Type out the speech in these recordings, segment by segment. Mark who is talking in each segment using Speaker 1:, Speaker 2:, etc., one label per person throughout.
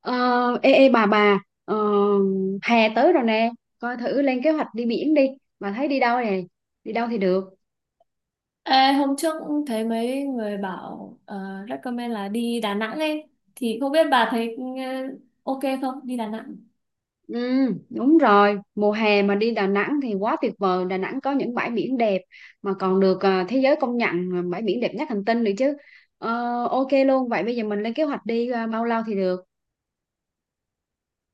Speaker 1: Ờ, ê, bà ờ, hè tới rồi nè, coi thử lên kế hoạch đi biển đi. Bà thấy đi đâu nè? Đi đâu thì được?
Speaker 2: Ê, hôm trước cũng thấy mấy người bảo recommend là đi Đà Nẵng ấy, thì không biết bà thấy ok không đi Đà Nẵng.
Speaker 1: Ừ, đúng rồi, mùa hè mà đi Đà Nẵng thì quá tuyệt vời. Đà Nẵng có những bãi biển đẹp mà còn được thế giới công nhận bãi biển đẹp nhất hành tinh nữa chứ. Ok luôn, vậy bây giờ mình lên kế hoạch đi bao lâu thì được?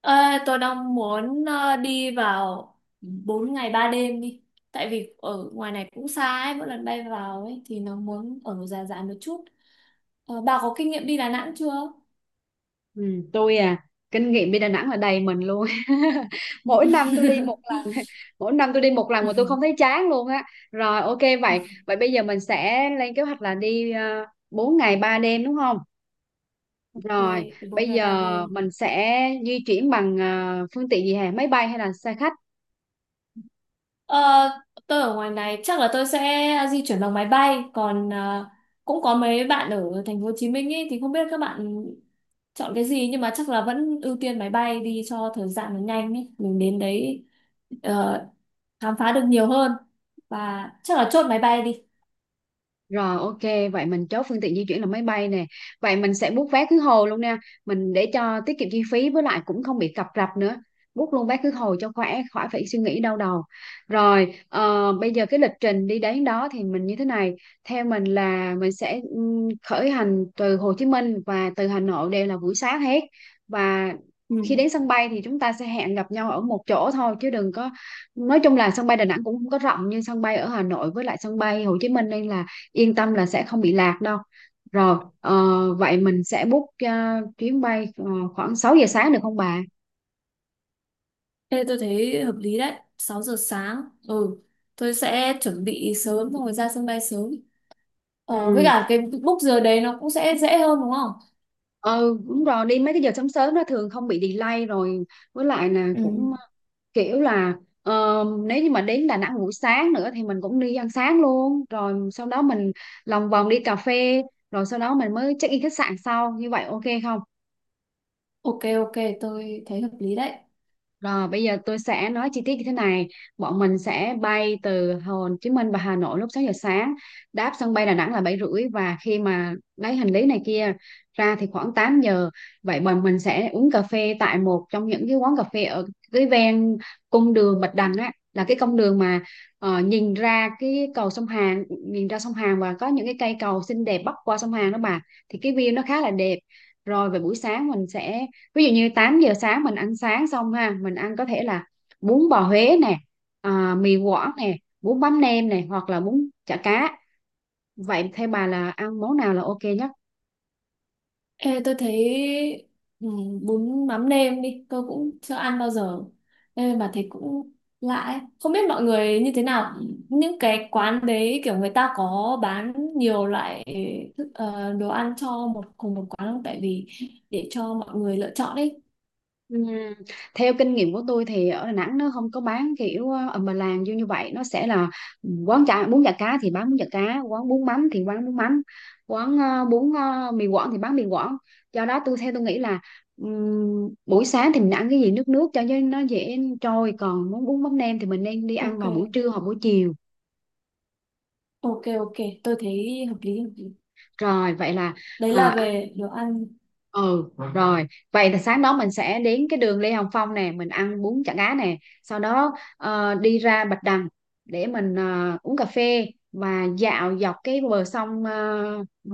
Speaker 2: Ờ, tôi đang muốn đi vào 4 ngày 3 đêm đi, tại vì ở ngoài này cũng xa ấy, mỗi lần bay vào ấy thì nó muốn ở dài dài một chút. Bà có kinh nghiệm đi Đà Nẵng chưa?
Speaker 1: Ừ, tôi kinh nghiệm đi Đà Nẵng là đầy mình luôn. Mỗi năm tôi đi một lần. Mỗi năm tôi đi một lần mà tôi không thấy chán luôn á. Rồi ok, vậy vậy bây giờ mình sẽ lên kế hoạch là đi 4 ngày 3 đêm đúng không?
Speaker 2: Ok,
Speaker 1: Rồi
Speaker 2: bốn
Speaker 1: bây
Speaker 2: ngày ba
Speaker 1: giờ
Speaker 2: đêm
Speaker 1: mình sẽ di chuyển bằng phương tiện gì hả, máy bay hay là xe khách?
Speaker 2: Ờ, tôi ở ngoài này chắc là tôi sẽ di chuyển bằng máy bay, còn cũng có mấy bạn ở thành phố Hồ Chí Minh ấy thì không biết các bạn chọn cái gì, nhưng mà chắc là vẫn ưu tiên máy bay đi cho thời gian nó nhanh ấy mình đến đấy ờ, khám phá được nhiều hơn, và chắc là chốt máy bay đi.
Speaker 1: Rồi ok, vậy mình chốt phương tiện di chuyển là máy bay nè. Vậy mình sẽ book vé khứ hồi luôn nha. Mình để cho tiết kiệm chi phí với lại cũng không bị cập rập nữa. Book luôn vé khứ hồi cho khỏe, khỏi phải suy nghĩ đau đầu. Rồi, bây giờ cái lịch trình đi đến đó thì mình như thế này. Theo mình là mình sẽ khởi hành từ Hồ Chí Minh và từ Hà Nội đều là buổi sáng hết. Và
Speaker 2: Ừ.
Speaker 1: khi đến sân bay thì chúng ta sẽ hẹn gặp nhau ở một chỗ thôi chứ đừng có. Nói chung là sân bay Đà Nẵng cũng không có rộng như sân bay ở Hà Nội với lại sân bay Hồ Chí Minh, nên là yên tâm là sẽ không bị lạc đâu. Rồi vậy mình sẽ book chuyến bay khoảng 6 giờ sáng được không bà?
Speaker 2: Ê, tôi thấy hợp lý đấy, 6 giờ sáng. Ừ, tôi sẽ chuẩn bị sớm xong rồi ra sân bay sớm. Với
Speaker 1: Ừ,
Speaker 2: cả cái book giờ đấy nó cũng sẽ dễ hơn đúng không?
Speaker 1: ừ, đúng rồi, đi mấy cái giờ sớm sớm nó thường không bị delay rồi. Với lại là
Speaker 2: Ừ.
Speaker 1: cũng kiểu là nếu như mà đến Đà Nẵng buổi sáng nữa thì mình cũng đi ăn sáng luôn, rồi sau đó mình lòng vòng đi cà phê, rồi sau đó mình mới check in khách sạn sau, như vậy ok không?
Speaker 2: Ok, ok, tôi thấy hợp lý đấy.
Speaker 1: Rồi bây giờ tôi sẽ nói chi tiết như thế này. Bọn mình sẽ bay từ Hồ Chí Minh và Hà Nội lúc 6 giờ sáng, đáp sân bay Đà Nẵng là 7h30, và khi mà lấy hành lý này kia ra thì khoảng 8 giờ. Vậy bọn mình sẽ uống cà phê tại một trong những cái quán cà phê ở cái ven cung đường Bạch Đằng á, là cái con đường mà nhìn ra cái cầu sông Hàn, nhìn ra sông Hàn và có những cái cây cầu xinh đẹp bắc qua sông Hàn đó bà. Thì cái view nó khá là đẹp. Rồi về buổi sáng mình sẽ, ví dụ như 8 giờ sáng mình ăn sáng xong ha, mình ăn có thể là bún bò Huế nè, mì Quảng nè, bún bánh nem nè hoặc là bún chả cá. Vậy theo bà là ăn món nào là ok nhất?
Speaker 2: Ê, tôi thấy ừ, bún mắm nêm đi, tôi cũng chưa ăn bao giờ. Ê, mà thấy cũng lạ ấy. Không biết mọi người như thế nào, những cái quán đấy kiểu người ta có bán nhiều loại thức, đồ ăn cho một cùng một quán không? Tại vì để cho mọi người lựa chọn ấy.
Speaker 1: Ừm, Theo kinh nghiệm của tôi thì ở Đà Nẵng nó không có bán kiểu ầm bà làng như như vậy, nó sẽ là quán chả bún chả cá thì bán bún chả cá, quán bún mắm thì quán bún mắm, quán bún mì Quảng thì bán mì Quảng. Do đó theo tôi nghĩ là buổi sáng thì mình ăn cái gì nước nước cho nó dễ trôi, còn muốn bún mắm nêm thì mình nên đi ăn
Speaker 2: Ok,
Speaker 1: vào buổi trưa hoặc buổi chiều.
Speaker 2: ok, ok, tôi thấy hợp lý, hợp lý.
Speaker 1: Rồi vậy là
Speaker 2: Đấy
Speaker 1: ờ,
Speaker 2: là
Speaker 1: ăn
Speaker 2: về đồ ăn.
Speaker 1: sáng đó mình sẽ đến cái đường Lê Hồng Phong nè, mình ăn bún chả cá nè, sau đó đi ra Bạch Đằng để mình uống cà phê và dạo dọc cái bờ sông,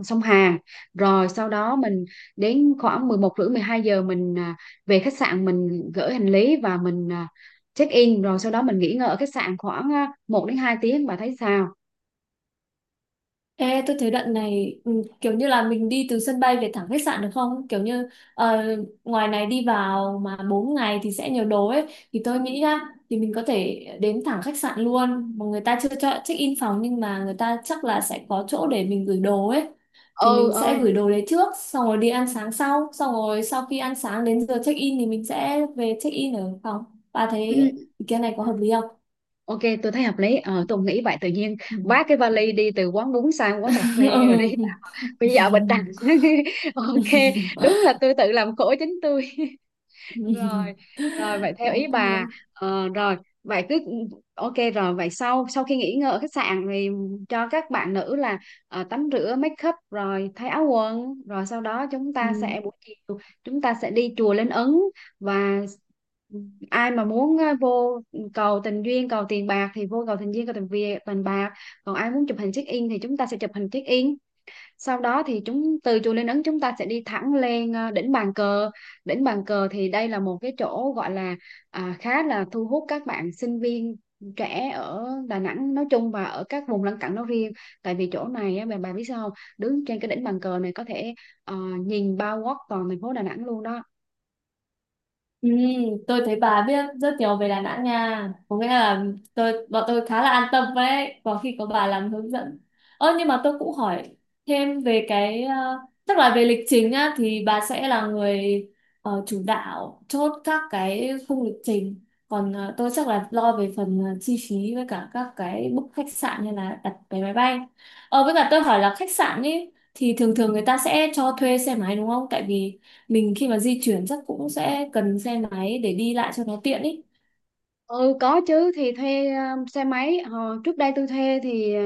Speaker 1: sông Hàn. Rồi sau đó mình đến khoảng 11 rưỡi 12 giờ mình về khách sạn, mình gửi hành lý và mình check in, rồi sau đó mình nghỉ ngơi ở khách sạn khoảng 1 đến 2 tiếng. Bà thấy sao?
Speaker 2: Ê, tôi thấy đoạn này kiểu như là mình đi từ sân bay về thẳng khách sạn được không? Kiểu như ngoài này đi vào mà 4 ngày thì sẽ nhiều đồ ấy. Thì tôi nghĩ nhá, thì mình có thể đến thẳng khách sạn luôn. Mà người ta chưa cho check-in phòng, nhưng mà người ta chắc là sẽ có chỗ để mình gửi đồ ấy. Thì
Speaker 1: Ừ,
Speaker 2: mình sẽ
Speaker 1: ừ.
Speaker 2: gửi đồ đấy trước, xong rồi đi ăn sáng sau. Xong rồi sau khi ăn sáng đến giờ check-in thì mình sẽ về check-in ở phòng. Bà thấy
Speaker 1: Ừ.
Speaker 2: ý kiến này có
Speaker 1: Ừ.
Speaker 2: hợp lý không?
Speaker 1: Ok, tôi thấy hợp lý. Ờ, tôi nghĩ vậy tự nhiên
Speaker 2: Ừ.
Speaker 1: vác cái vali đi từ quán bún sang quán cà phê rồi đi bây giờ bịch đằng. Ok, đúng là tôi tự làm khổ chính tôi
Speaker 2: Ừ.
Speaker 1: rồi. Rồi vậy theo ý
Speaker 2: Ok.
Speaker 1: bà. Rồi vậy cứ ok, rồi vậy sau sau khi nghỉ ngơi ở khách sạn thì cho các bạn nữ là tắm rửa make up rồi thay áo quần, rồi sau đó chúng
Speaker 2: Ừ.
Speaker 1: ta sẽ, buổi chiều chúng ta sẽ đi chùa Linh Ứng. Và ai mà muốn vô cầu tình duyên cầu tiền bạc thì vô cầu tình duyên cầu tình việc tiền bạc, còn ai muốn chụp hình check in thì chúng ta sẽ chụp hình check in. Sau đó thì chúng, từ chùa Linh Ứng chúng ta sẽ đi thẳng lên đỉnh Bàn Cờ. Đỉnh Bàn Cờ thì đây là một cái chỗ gọi là khá là thu hút các bạn sinh viên trẻ ở Đà Nẵng nói chung và ở các vùng lân cận nói riêng. Tại vì chỗ này á, bà biết sao không? Đứng trên cái đỉnh Bàn Cờ này có thể ờ, nhìn bao quát toàn thành phố Đà Nẵng luôn đó.
Speaker 2: Ừ, tôi thấy bà biết rất nhiều về Đà Nẵng nha. Có nghĩa là bọn tôi khá là an tâm đấy, có khi có bà làm hướng dẫn. Ơ, nhưng mà tôi cũng hỏi thêm về cái chắc là về lịch trình á, thì bà sẽ là người chủ đạo chốt các cái khung lịch trình. Còn tôi chắc là lo về phần chi phí với cả các cái book khách sạn như là đặt vé máy bay. Với cả tôi hỏi là khách sạn ấy thì thường thường người ta sẽ cho thuê xe máy đúng không? Tại vì mình khi mà di chuyển chắc cũng sẽ cần xe máy để đi lại cho nó tiện ý.
Speaker 1: Ừ có chứ, thì thuê xe máy. Hồi trước đây tôi thuê thì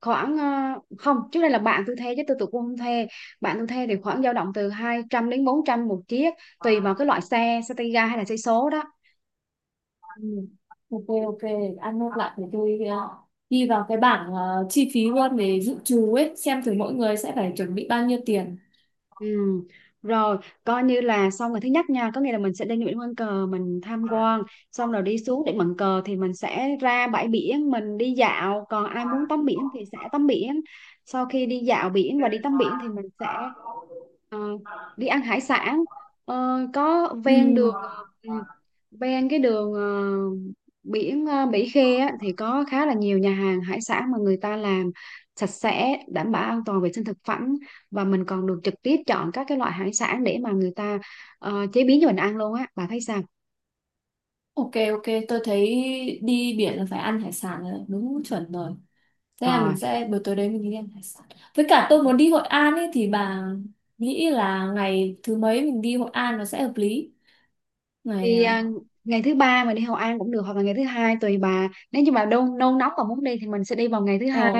Speaker 1: khoảng, không, trước đây là bạn tôi thuê chứ tôi cũng không thuê. Bạn tôi thuê thì khoảng dao động từ 200 đến 400 một chiếc, tùy vào cái loại xe, xe tay ga hay là xe số đó.
Speaker 2: Ừ. Ok, ok, ăn nốt lại thì tôi ghi vào cái bảng chi phí luôn để dự trù ấy, xem thử mỗi người sẽ phải chuẩn bị bao nhiêu tiền.
Speaker 1: Ừm, Rồi, coi như là xong rồi thứ nhất nha, có nghĩa là mình sẽ lên Nguyễn Văn Cờ mình tham quan, xong rồi đi xuống Điện Bàn Cờ thì mình sẽ ra bãi biển, mình đi dạo, còn ai muốn tắm biển thì sẽ tắm biển. Sau khi đi dạo biển và đi tắm biển thì mình sẽ ờ, đi ăn hải sản. Có
Speaker 2: Ừ.
Speaker 1: ven đường ừm, ven cái đường biển, Mỹ Khê á, thì có khá là nhiều nhà hàng hải sản mà người ta làm sạch sẽ, đảm bảo an toàn vệ sinh thực phẩm, và mình còn được trực tiếp chọn các cái loại hải sản để mà người ta chế biến cho mình ăn luôn á. Bà thấy sao?
Speaker 2: Ok, ok, tôi thấy đi biển là phải ăn hải sản rồi, đúng chuẩn rồi. Thế là
Speaker 1: Rồi
Speaker 2: mình sẽ buổi tối đấy mình đi ăn hải sản. Với cả tôi muốn đi Hội An ấy, thì bà nghĩ là ngày thứ mấy mình đi Hội An nó sẽ hợp lý? Ngày
Speaker 1: thì ngày thứ ba mình đi Hội An cũng được hoặc là ngày thứ hai tùy bà. Nếu như bà đông nôn nóng và muốn đi thì mình sẽ đi vào ngày thứ
Speaker 2: ờ,
Speaker 1: hai,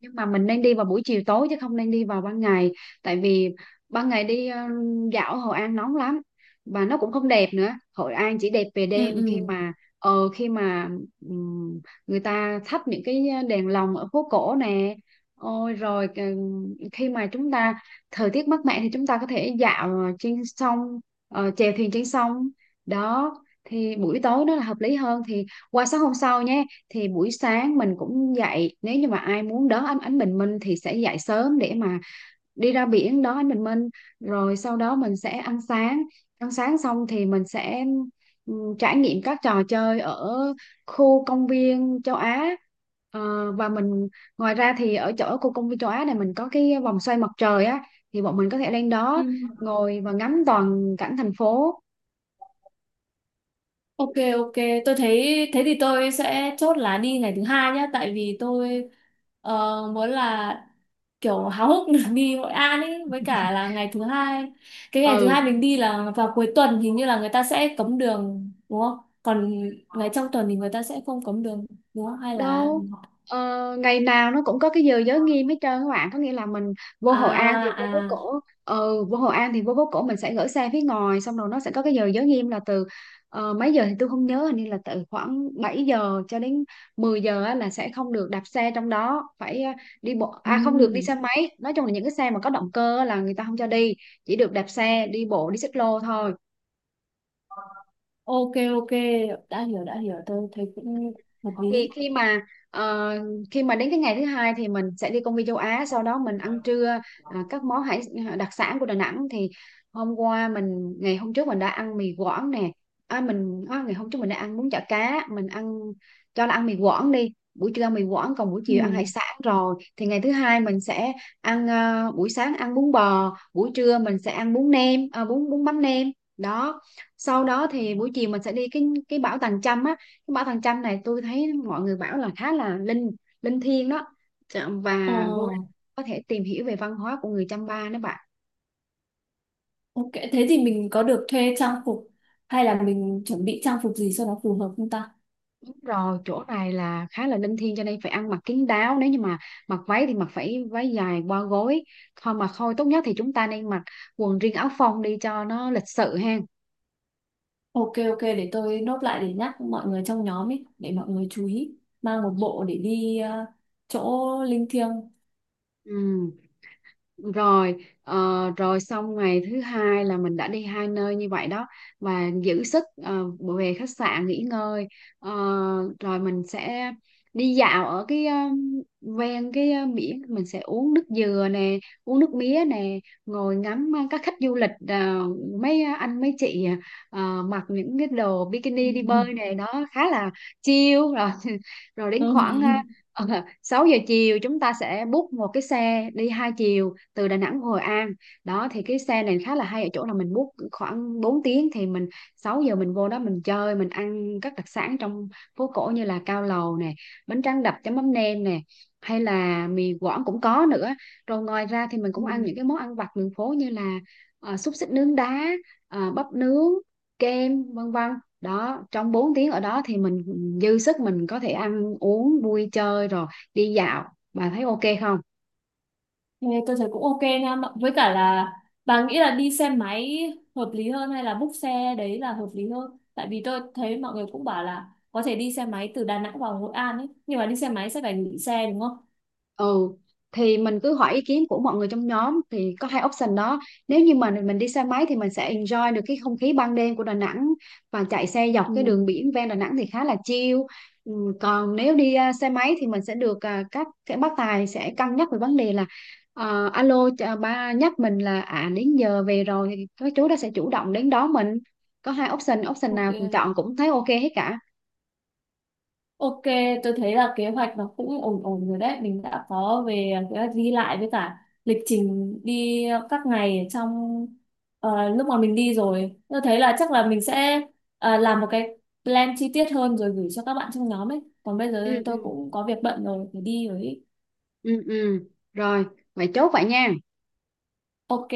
Speaker 1: nhưng mà mình nên đi vào buổi chiều tối chứ không nên đi vào ban ngày. Tại vì ban ngày đi dạo Hội An nóng lắm và nó cũng không đẹp nữa. Hội An chỉ đẹp về
Speaker 2: ừ,
Speaker 1: đêm, khi
Speaker 2: ừ.
Speaker 1: mà ờ khi mà ừm, người ta thắp những cái đèn lồng ở phố cổ nè. Ôi rồi khi mà chúng ta, thời tiết mát mẻ thì chúng ta có thể dạo trên sông, chèo thuyền trên sông đó. Thì buổi tối nó là hợp lý hơn. Thì qua sáng hôm sau nhé, thì buổi sáng mình cũng dậy, nếu như mà ai muốn đón ánh ánh bình minh thì sẽ dậy sớm để mà đi ra biển đón ánh bình minh. Rồi sau đó mình sẽ ăn sáng. Ăn sáng xong thì mình sẽ ừ, trải nghiệm các trò chơi ở khu công viên châu Á. Và mình, ngoài ra thì ở chỗ khu công viên châu Á này mình có cái vòng xoay mặt trời á, thì bọn mình có thể lên đó
Speaker 2: Ừ.
Speaker 1: ngồi và ngắm toàn cảnh thành phố.
Speaker 2: Ok, ok, tôi thấy thế thì tôi sẽ chốt là đi ngày thứ hai nhá, tại vì tôi muốn là kiểu háo hức được đi Hội An ấy với cả là ngày thứ hai. Cái ngày thứ
Speaker 1: Ừ
Speaker 2: hai mình đi là vào cuối tuần, hình như là người ta sẽ cấm đường đúng không? Còn ngày trong tuần thì người ta sẽ không cấm đường đúng không? Hay là
Speaker 1: đâu, ờ, ngày nào nó cũng có cái giờ giới nghiêm hết trơn các bạn, có nghĩa là mình vô
Speaker 2: à,
Speaker 1: Hội An thì vô phố
Speaker 2: à,
Speaker 1: cổ. Vô Hội An thì vô phố cổ, mình sẽ gửi xe phía ngoài, xong rồi nó sẽ có cái giờ giới nghiêm là từ mấy giờ thì tôi không nhớ, hình như là từ khoảng 7 giờ cho đến 10 giờ á, là sẽ không được đạp xe trong đó, phải đi bộ, à không, được đi
Speaker 2: ừm,
Speaker 1: xe máy, nói chung là những cái xe mà có động cơ á là người ta không cho đi, chỉ được đạp xe đi bộ đi xích lô thôi.
Speaker 2: ok, ok, đã hiểu, tôi thấy cũng hợp
Speaker 1: Thì
Speaker 2: lý.
Speaker 1: khi mà ờ, đến cái ngày thứ hai thì mình sẽ đi công viên châu Á, sau đó mình ăn trưa các món hải, đặc sản của Đà Nẵng thì hôm qua mình, ngày hôm trước mình đã ăn mì Quảng nè, mình, ngày hôm trước mình đã ăn bún chả cá, mình ăn, cho là ăn mì Quảng đi, buổi trưa ăn mì Quảng còn buổi
Speaker 2: Ừ.
Speaker 1: chiều ăn hải sản rồi, thì ngày thứ hai mình sẽ ăn buổi sáng ăn bún bò, buổi trưa mình sẽ ăn bún nem, bún bún mắm nem đó. Sau đó thì buổi chiều mình sẽ đi cái bảo Tàng Chăm á. Cái ba thằng chanh này tôi thấy mọi người bảo là khá là linh linh thiêng đó. Và
Speaker 2: Ờ.
Speaker 1: vô đây có thể tìm hiểu về văn hóa của người Chăm Ba nữa bạn.
Speaker 2: Ok, thế thì mình có được thuê trang phục hay là mình chuẩn bị trang phục gì cho nó phù hợp không ta?
Speaker 1: Đúng rồi, chỗ này là khá là linh thiêng cho nên phải ăn mặc kín đáo, nếu như mà mặc váy thì mặc phải váy dài qua gối thôi. Mà thôi, tốt nhất thì chúng ta nên mặc quần riêng áo phông đi cho nó lịch sự ha.
Speaker 2: Ok, ok, để tôi nốt lại để nhắc mọi người trong nhóm ấy, để mọi người chú ý mang một bộ để đi chỗ linh thiêng.
Speaker 1: Ừ. Rồi ờ, rồi xong ngày thứ hai là mình đã đi hai nơi như vậy đó, và giữ sức về khách sạn nghỉ ngơi. Ờ, Rồi mình sẽ đi dạo ở cái ven cái biển, mình sẽ uống nước dừa nè, uống nước mía nè, ngồi ngắm các khách du lịch, mấy anh mấy chị mặc những cái đồ bikini đi bơi này đó, khá là chill rồi. Rồi đến khoảng
Speaker 2: Ừ.
Speaker 1: ờ, 6 giờ chiều chúng ta sẽ book một cái xe đi hai chiều từ Đà Nẵng Hội An đó. Thì cái xe này khá là hay ở chỗ là mình book khoảng 4 tiếng, thì mình 6 giờ mình vô đó mình chơi, mình ăn các đặc sản trong phố cổ như là cao lầu nè, bánh tráng đập chấm mắm nêm nè, hay là mì Quảng cũng có nữa. Rồi ngoài ra thì mình cũng ăn
Speaker 2: Ừ.
Speaker 1: những cái món ăn vặt đường phố như là xúc xích nướng đá, bắp nướng, kem, vân vân đó. Trong 4 tiếng ở đó thì mình dư sức, mình có thể ăn uống vui chơi rồi đi dạo. Bà thấy ok không?
Speaker 2: Thế tôi thấy cũng ok nha, với cả là bà nghĩ là đi xe máy hợp lý hơn hay là book xe đấy là hợp lý hơn? Tại vì tôi thấy mọi người cũng bảo là có thể đi xe máy từ Đà Nẵng vào Hội An ấy, nhưng mà đi xe máy sẽ phải gửi xe đúng không?
Speaker 1: Ừ, thì mình cứ hỏi ý kiến của mọi người trong nhóm thì có hai option đó. Nếu như mà mình đi xe máy thì mình sẽ enjoy được cái không khí ban đêm của Đà Nẵng và chạy xe dọc
Speaker 2: Ừ.
Speaker 1: cái đường biển ven Đà Nẵng thì khá là chill. Ừ, còn nếu đi xe máy thì mình sẽ được, các bác tài sẽ cân nhắc về vấn đề là alo chà, ba nhắc mình là đến giờ về rồi thì các chú đó sẽ chủ động đến đón mình. Có hai option option
Speaker 2: Ok.
Speaker 1: nào mình chọn cũng thấy ok hết cả.
Speaker 2: Ok, tôi thấy là kế hoạch nó cũng ổn ổn rồi đấy. Mình đã có về kế hoạch đi lại với cả lịch trình đi các ngày trong lúc mà mình đi rồi. Tôi thấy là chắc là mình sẽ làm một cái plan chi tiết hơn rồi gửi cho các bạn trong nhóm ấy. Còn bây giờ
Speaker 1: Ừ,
Speaker 2: tôi
Speaker 1: ừ.
Speaker 2: cũng có việc bận rồi, phải đi rồi ấy.
Speaker 1: Ừ, ừ. Rồi vậy chốt vậy nha.
Speaker 2: Ok.